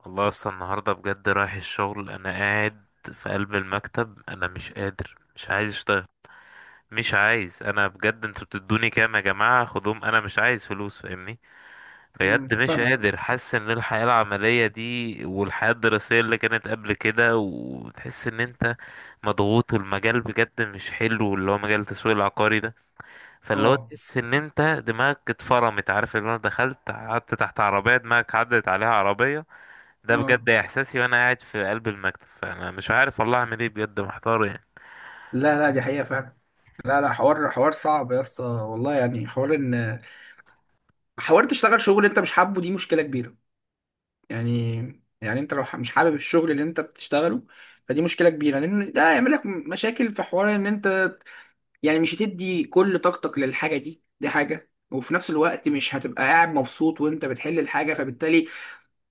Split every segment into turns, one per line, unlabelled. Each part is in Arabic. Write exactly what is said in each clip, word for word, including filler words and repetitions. والله اصلا النهارده بجد رايح الشغل. انا قاعد في قلب المكتب، انا مش قادر، مش عايز اشتغل، مش عايز. انا بجد، انتوا بتدوني كام يا جماعه؟ خدوهم، انا مش عايز فلوس فاهمني. بجد
امم
مش
فاهمك.
قادر، حاسس ان الحياه العمليه دي والحياه الدراسيه اللي كانت قبل كده، وتحس ان انت مضغوط. والمجال بجد مش حلو، اللي هو مجال التسويق العقاري ده. فاللي هو
اه،
تحس ان انت دماغك اتفرمت، عارف اللي انا دخلت قعدت تحت عربيه، دماغك عدت عليها عربيه. ده
اه،
بجد احساسي وانا قاعد في قلب المكتب. فانا مش عارف والله اعمل ايه، بجد محتار يعني.
لا لا، دي حقيقة فعلا. لا لا، حوار حوار صعب يا اسطى، والله. يعني حوار ان، حوار تشتغل شغل انت مش حابه، دي مشكلة كبيرة. يعني، يعني انت لو ح- مش حابب الشغل اللي انت بتشتغله، فدي مشكلة كبيرة، لان ده هيعمل لك مشاكل في حوار ان انت يعني مش هتدي كل طاقتك للحاجة دي، دي حاجة. وفي نفس الوقت مش هتبقى قاعد مبسوط وانت بتحل الحاجة، فبالتالي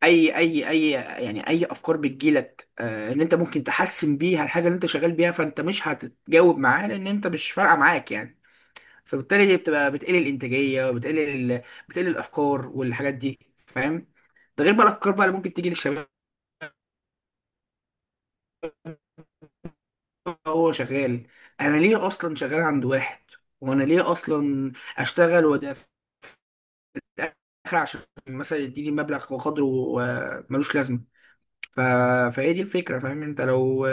اي اي اي، يعني اي افكار بتجيلك آه، ان انت ممكن تحسن بيها الحاجه اللي انت شغال بيها، فانت مش هتتجاوب معاه لان انت مش فارقه معاك يعني. فبالتالي دي بتبقى بتقلل الانتاجيه، وبتقلل ال- بتقلل الافكار والحاجات دي، فاهم؟ ده غير بقى الافكار بقى اللي ممكن تيجي للشباب. هو شغال، انا ليه اصلا شغال عند واحد، وانا ليه اصلا اشتغل؟ وده في الاخر عشان مثلا يديني مبلغ وقدره آه، ملوش لازمه. ف... فهي دي الفكرة، فاهم؟ انت لو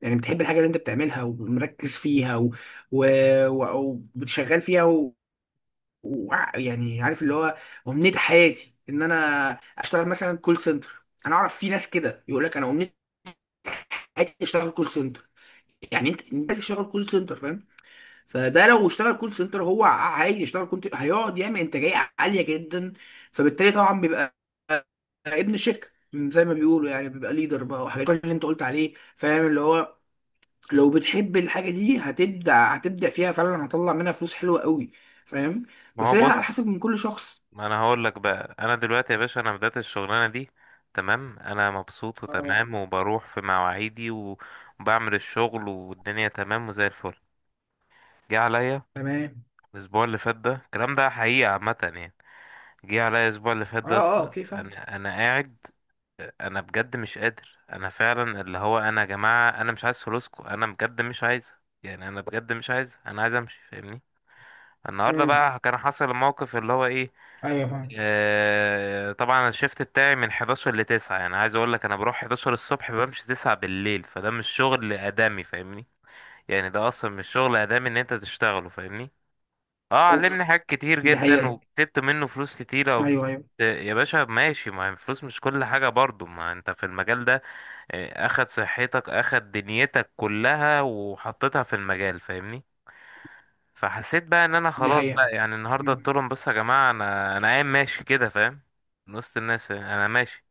يعني بتحب الحاجة اللي انت بتعملها ومركز فيها و... و... و... وبتشغال فيها و... و... يعني عارف اللي هو أمنية حياتي ان انا اشتغل مثلا كول سنتر، انا اعرف في ناس كده يقول لك انا أمنية حياتي اشتغل كول سنتر. يعني انت انت تشتغل كول سنتر، فاهم؟ فده لو اشتغل كول سنتر هو عايز يشتغل كول، هيقعد يعمل انتاجية عالية جدا. فبالتالي طبعا بيبقى ابن شركه زي ما بيقولوا يعني، بيبقى ليدر بقى وحاجات اللي انت قلت عليه، فاهم؟ اللي هو لو بتحب الحاجه دي، هتبدع هتبدع فيها فعلا، هتطلع منها فلوس حلوه قوي، فاهم؟
ما
بس
هو
هي على حسب
بص،
من كل شخص.
ما انا هقول لك بقى، انا دلوقتي يا باشا انا بدأت الشغلانه دي تمام، انا مبسوط
اه
وتمام، وبروح في مواعيدي و- وبعمل الشغل، والدنيا تمام وزي الفل. جه عليا
تمام.
الاسبوع اللي فات ده، الكلام ده حقيقه عامه يعني. جه عليا الاسبوع اللي فات
اه،
ده
اه،
اصلا،
اوكي، فاهم.
انا انا قاعد، انا بجد مش قادر. انا فعلا اللي هو، انا يا جماعه انا مش عايز فلوسكم، انا بجد مش عايز يعني. انا بجد مش عايز، انا عايز امشي فاهمني. النهارده
امم
بقى كان حصل الموقف اللي هو ايه.
ايوه، فاهم.
آه، طبعا الشيفت بتاعي من احد عشر ل تسعه، يعني عايز اقول لك انا بروح احداشر الصبح بمشي تسعه بالليل، فده مش شغل ادمي فاهمني. يعني ده اصلا مش شغل ادمي ان انت تشتغله فاهمني. اه،
اوف،
علمني حاجات كتير
دي
جدا،
حقيقه.
وكتبت منه فلوس كتيره وبت...
ايوه ايوه،
يا باشا ماشي. ما هي الفلوس مش كل حاجه برضو، ما انت في المجال ده يعني اخد صحتك، اخد دنيتك كلها وحطيتها في المجال فاهمني. فحسيت بقى ان انا
دي
خلاص بقى
حقيقه.
يعني، النهارده
امم
قلت لهم بصوا يا جماعه، انا انا قايم ماشي كده فاهم، من وسط الناس فاهم؟ انا ماشي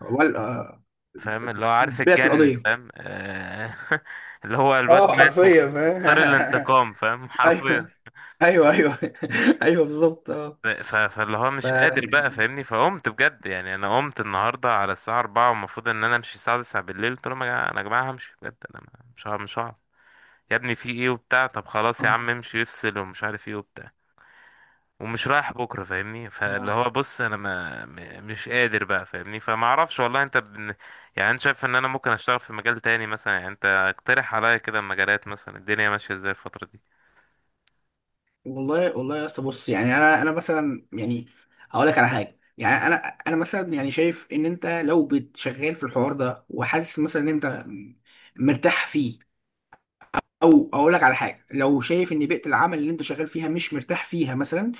وال آه،
فاهم، اللي هو عارف
بعت
اتجنن
القضيه.
فاهم، آه، اللي هو الواد
اه
مات
حرفيا، فاهم.
واختار الانتقام، فاهم حرفيا.
ايوه، ايوه ايوه. ايوه بالظبط، اه.
ف- ف- فاللي هو
ف
مش قادر بقى فاهمني. فقمت بجد يعني، انا قمت النهارده على الساعه اربعه، والمفروض ان انا امشي الساعه تسعه بالليل، قلت لهم يا جماعه انا، يا جماعه همشي بجد، انا مش هعرف- مش هعرف. يا ابني في ايه وبتاع، طب خلاص يا عم امشي افصل ومش عارف ايه وبتاع، ومش رايح بكره فاهمني. فاللي
آه.
هو بص، انا ما م- مش قادر بقى فاهمني. فما اعرفش والله، انت بن... يعني انت شايف ان انا ممكن اشتغل في مجال تاني مثلا؟ يعني انت اقترح عليا كده مجالات، مثلا الدنيا ماشيه ازاي الفتره دي؟
والله والله يا اسطى، بص. يعني انا انا مثلا يعني هقول لك على حاجه. يعني انا انا مثلا يعني شايف ان انت لو بتشغال في الحوار ده وحاسس مثلا ان انت مرتاح فيه، او اقول لك على حاجه، لو شايف ان بيئه العمل اللي انت شغال فيها مش مرتاح فيها مثلا،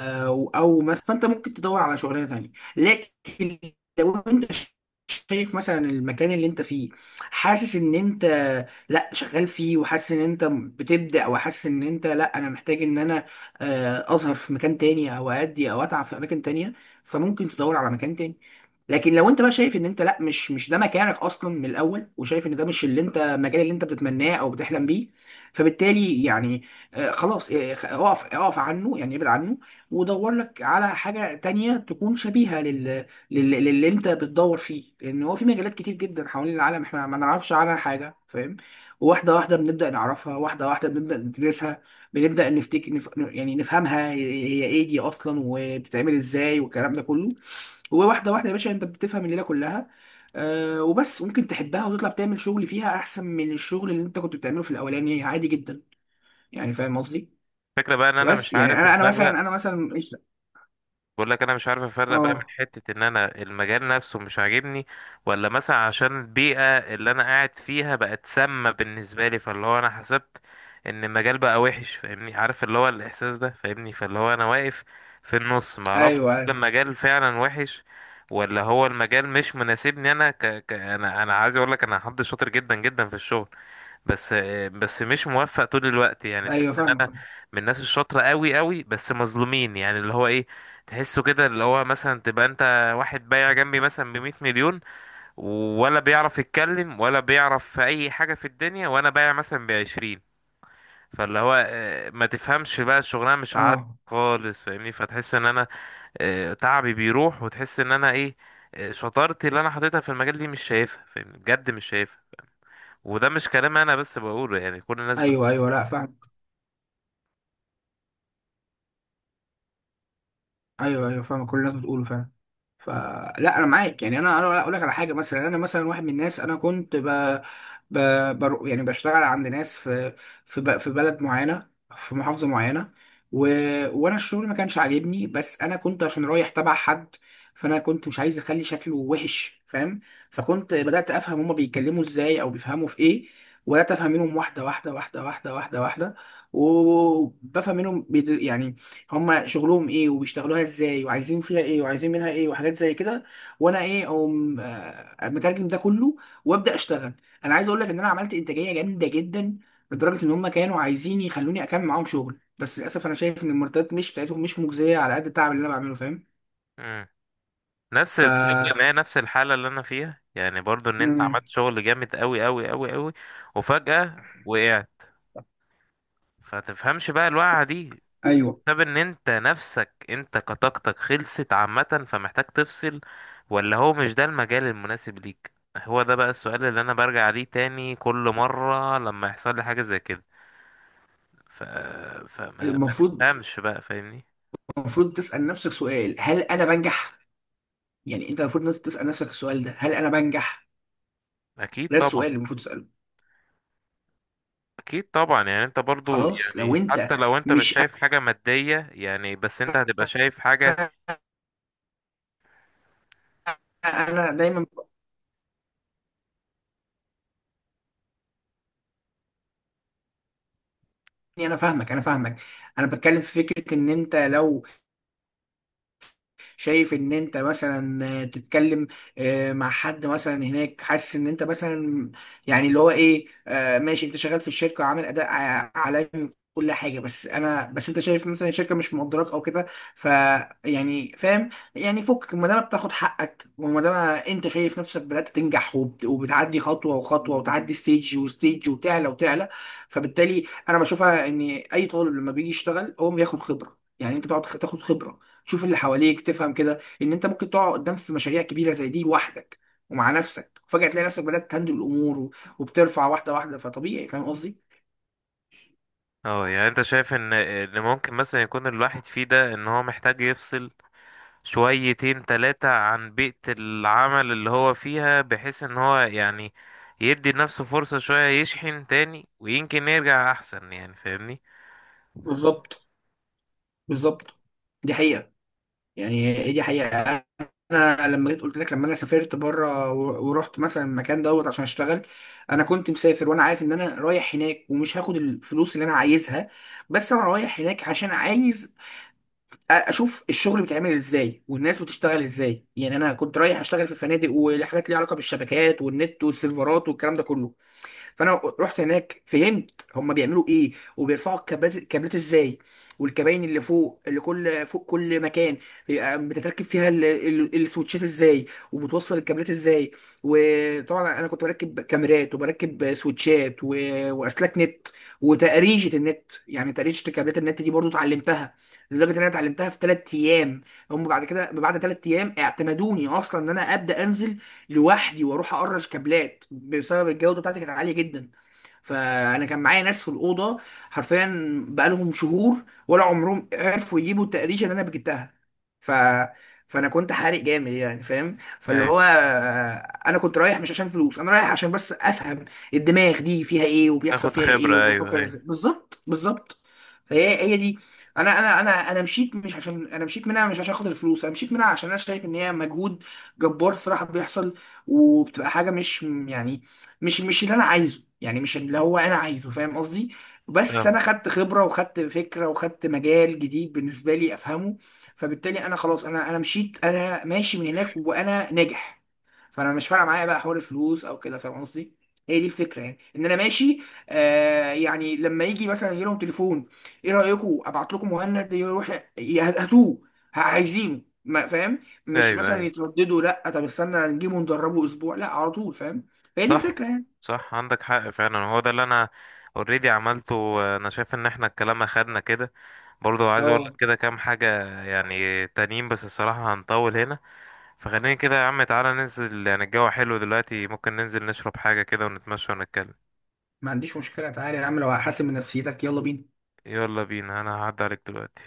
او او مثلا فانت ممكن تدور على شغلانه تانية. لكن لو انت شايف مثلا المكان اللي انت فيه، حاسس ان انت لا شغال فيه، وحاسس ان انت بتبدأ، او حاسس ان انت لا، انا محتاج ان انا آه، اظهر في مكان تاني، او ادي، او اتعب في اماكن تانية، فممكن تدور على مكان تاني. لكن لو انت بقى شايف ان انت لا، مش مش ده مكانك اصلا من الاول، وشايف ان ده مش اللي انت، المجال اللي انت بتتمناه او بتحلم بيه، فبالتالي يعني آه، خلاص، آه، خ- اقف اقف عنه، يعني ابعد عنه. ودور لك على حاجه تانية تكون شبيهه لل... لل... للي انت بتدور فيه، لان هو في مجالات كتير جدا حوالين العالم احنا ما نعرفش عنها حاجه، فاهم؟ واحده واحده بنبدا نعرفها، واحده واحده بنبدا ندرسها، بنبدا نفتك، نف... يعني نفهمها هي ايه دي اصلا، وبتتعمل ازاي، والكلام ده كله. وواحده واحده يا باشا انت بتفهم الليله كلها. آه، وبس ممكن تحبها وتطلع تعمل شغل فيها احسن من الشغل اللي انت كنت بتعمله في الاولاني، عادي جدا. يعني فاهم قصدي؟
الفكره بقى ان انا مش
بس يعني
عارف
انا انا
افرق.
مثلا، انا مثلا ايش.
بقول لك انا مش عارف افرق بقى، من
اه،
حتة ان انا المجال نفسه مش عاجبني، ولا مثلا عشان البيئة اللي انا قاعد فيها بقت سامة بالنسبة لي. فاللي هو انا حسبت ان المجال بقى وحش فاهمني، عارف اللي هو الاحساس ده فاهمني. فاللي هو انا واقف في النص ما اعرفش،
ايوه
هل
ايوه.
المجال فعلا وحش، ولا هو المجال مش مناسبني؟ انا ك... ك... انا انا عايز اقول لك، انا حد شاطر جدا جدا في الشغل، بس بس مش موفق طول الوقت. يعني تحس
ايوه
ان
فاهمك.
انا من الناس الشاطره قوي قوي، بس مظلومين. يعني اللي هو ايه، تحسه كده اللي هو مثلا، تبقى انت واحد بايع جنبي مثلا ب مئه مليون، ولا بيعرف يتكلم ولا بيعرف في اي حاجه في الدنيا، وانا بايع مثلا ب عشرين. فاللي هو آه، ما تفهمش بقى الشغلانه مش عاد
اه
خالص فاهمني. فتحس ان انا آه، تعبي بيروح، وتحس ان انا ايه، آه، شطارتي اللي انا حطيتها في المجال دي مش شايفها فاهمني، بجد مش شايفها. وده مش كلام انا بس بقوله، يعني كل الناس.
ايوه ايوه، لا فاهمك. ايوه ايوه، فاهم، كل الناس بتقوله فعلا. فلا، انا معاك يعني. انا انا اقول لك على حاجه مثلا، يعني انا مثلا واحد من الناس، انا كنت ب... ب... بر... يعني بشتغل عند ناس في، في ب... في بلد معينه، في محافظه معينه، و... وانا الشغل ما كانش عاجبني، بس انا كنت عشان رايح تبع حد، فانا كنت مش عايز اخلي شكله وحش، فاهم؟ فكنت بدات افهم هما بيتكلموا ازاي او بيفهموا في ايه، وبدات افهم منهم واحده واحده واحده واحده واحده واحده، وبفهم منهم بيد... يعني هما شغلهم ايه وبيشتغلوها ازاي، وعايزين فيها ايه وعايزين منها ايه، وحاجات زي كده. وانا ايه، اقوم آه، مترجم ده كله وابدا اشتغل. انا عايز اقول لك ان انا عملت انتاجيه جامده جدا، لدرجه ان هما كانوا عايزين يخلوني اكمل معاهم شغل، بس للاسف انا شايف ان المرتبات مش بتاعتهم مش مجزيه على قد التعب اللي انا بعمله، فاهم؟
مم. نفس،
ف
تصدق ان هي نفس الحالة اللي انا فيها يعني؟ برضو ان انت
امم
عملت شغل جامد قوي قوي قوي قوي، وفجأة وقعت. فتفهمش بقى الوقعة دي
ايوه.
بسبب ان انت نفسك، انت كطاقتك خلصت عامة فمحتاج تفصل، ولا هو مش ده المجال المناسب ليك. هو ده بقى السؤال اللي انا برجع ليه تاني كل مرة لما يحصل لي حاجة زي كده. ف... فما ما
المفروض،
تفهمش بقى فاهمني.
المفروض تسال نفسك سؤال: هل انا بنجح؟ يعني انت المفروض ناس تسال نفسك السؤال ده: هل انا بنجح؟
اكيد
ده
طبعا.
السؤال اللي المفروض تساله.
اكيد طبعا، يعني انت برضو
خلاص لو
يعني،
انت
حتى لو انت مش
مش،
شايف حاجة مادية يعني، بس انت هتبقى شايف حاجة.
انا دايما بقول، إني انا فاهمك، انا فاهمك. انا بتكلم في فكره ان انت لو شايف ان انت مثلا تتكلم آه، مع حد مثلا هناك، حاسس ان انت مثلا يعني اللي هو ايه، آه، ماشي، انت شغال في الشركه وعامل اداء ع- عالمي كل حاجه، بس انا بس انت شايف مثلا الشركه مش مقدراك او كده، ف يعني فاهم؟ يعني فكك ما دام بتاخد حقك، وما دام انت شايف نفسك بدات تنجح، وبت- وبتعدي خطوه وخطوه، وتعدي ستيج وستيج، وتعلى وتعلى. فبالتالي انا بشوفها ان اي طالب لما بيجي يشتغل هو بياخد خبره، يعني انت تقعد تاخد خبره، تشوف اللي حواليك، تفهم كده ان انت ممكن تقع قدام في مشاريع كبيره زي دي لوحدك، ومع نفسك، وفجاه تلاقي نفسك بدات تهندل الامور و- وبترفع واحده واحده، فطبيعي، فاهم قصدي؟
اه، يعني انت شايف ان ان ممكن مثلا يكون الواحد فيه ده ان هو محتاج يفصل شويتين تلاتة عن بيئة العمل اللي هو فيها، بحيث ان هو يعني يدي لنفسه فرصة شوية، يشحن تاني ويمكن يرجع احسن يعني فاهمني.
بالظبط، بالظبط، دي حقيقه، يعني هي دي حقيقه. انا لما جيت قلت لك، لما انا سافرت بره و- ورحت مثلا المكان دوت عشان اشتغل، انا كنت مسافر وانا عارف ان انا رايح هناك، ومش هاخد الفلوس اللي انا عايزها، بس انا رايح هناك عشان عايز اشوف الشغل بيتعمل ازاي والناس بتشتغل ازاي. يعني انا كنت رايح اشتغل في فنادق وحاجات ليها علاقه بالشبكات والنت والسيرفرات والكلام ده كله. فانا رحت هناك، فهمت هما بيعملوا ايه، وبيرفعوا الكابلات الكابلات ازاي، والكباين اللي فوق اللي كل فوق كل مكان بيبقى بتتركب فيها ال- ال- السويتشات ازاي، وبتوصل الكابلات ازاي. وطبعا انا كنت بركب كاميرات، وبركب سويتشات و... واسلاك نت، وتقريشه النت. يعني تقريشه كابلات النت دي برضو اتعلمتها، لدرجه ان انا اتعلمتها في ثلاث ايام. هم بعد كده بعد ثلاث ايام اعتمدوني اصلا ان انا ابدا انزل لوحدي واروح اقرش كابلات، بسبب الجوده بتاعتي كانت عاليه جدا. فانا كان معايا ناس في الاوضه حرفيا بقالهم شهور ولا عمرهم عرفوا يجيبوا التقريشه اللي انا جبتها. ف فانا كنت حارق جامد يعني، فاهم؟ فاللي
ايوه،
هو آه، انا كنت رايح مش عشان فلوس، انا رايح عشان بس افهم الدماغ دي فيها ايه، وبيحصل
تاخد
فيها ايه،
خبرة، ايوه
وبفكر
ايوه
ازاي بالظبط، بالظبط. فهي هي دي، انا انا انا انا مشيت، مش عشان انا مشيت منها مش عشان خاطر الفلوس، انا مشيت منها عشان انا شايف ان هي مجهود جبار الصراحه بيحصل، وبتبقى حاجه مش يعني، مش مش اللي انا عايزه، يعني مش اللي هو انا عايزه، فاهم قصدي؟ بس
فاهم،
انا خدت خبره، وخدت فكره، وخدت مجال جديد بالنسبه لي افهمه. فبالتالي انا خلاص، انا انا مشيت، انا ماشي من هناك وانا ناجح. فانا مش فارقه معايا بقى حوار الفلوس او كده، فاهم قصدي؟ هي دي الفكره، يعني ان انا ماشي. آه، يعني لما يجي مثلا يجي لهم تليفون، ايه رايكم ابعت لكم مهند يروح، ي- هاتوه، ه- عايزينه، ما فاهم، مش
ايوه
مثلا
ايوه
يترددوا لا طب استنى نجيبه ندربه اسبوع، لا على طول، فاهم؟ فهي دي الفكره
صح.
يعني.
صح عندك حق فعلا، هو ده اللي انا اوريدي عملته. انا شايف ان احنا الكلام اخدنا كده، برضو عايز اقول
اه،
لك كده كام حاجة يعني تانيين، بس الصراحة هنطول هنا. فخليني كده يا عم، تعالى ننزل، يعني الجو حلو دلوقتي، ممكن ننزل نشرب حاجة كده ونتمشى ونتكلم.
ما عنديش مشكلة، تعالى يا عم، لو هحاسب من نفسيتك يلا بينا.
يلا بينا، انا هعدي عليك دلوقتي.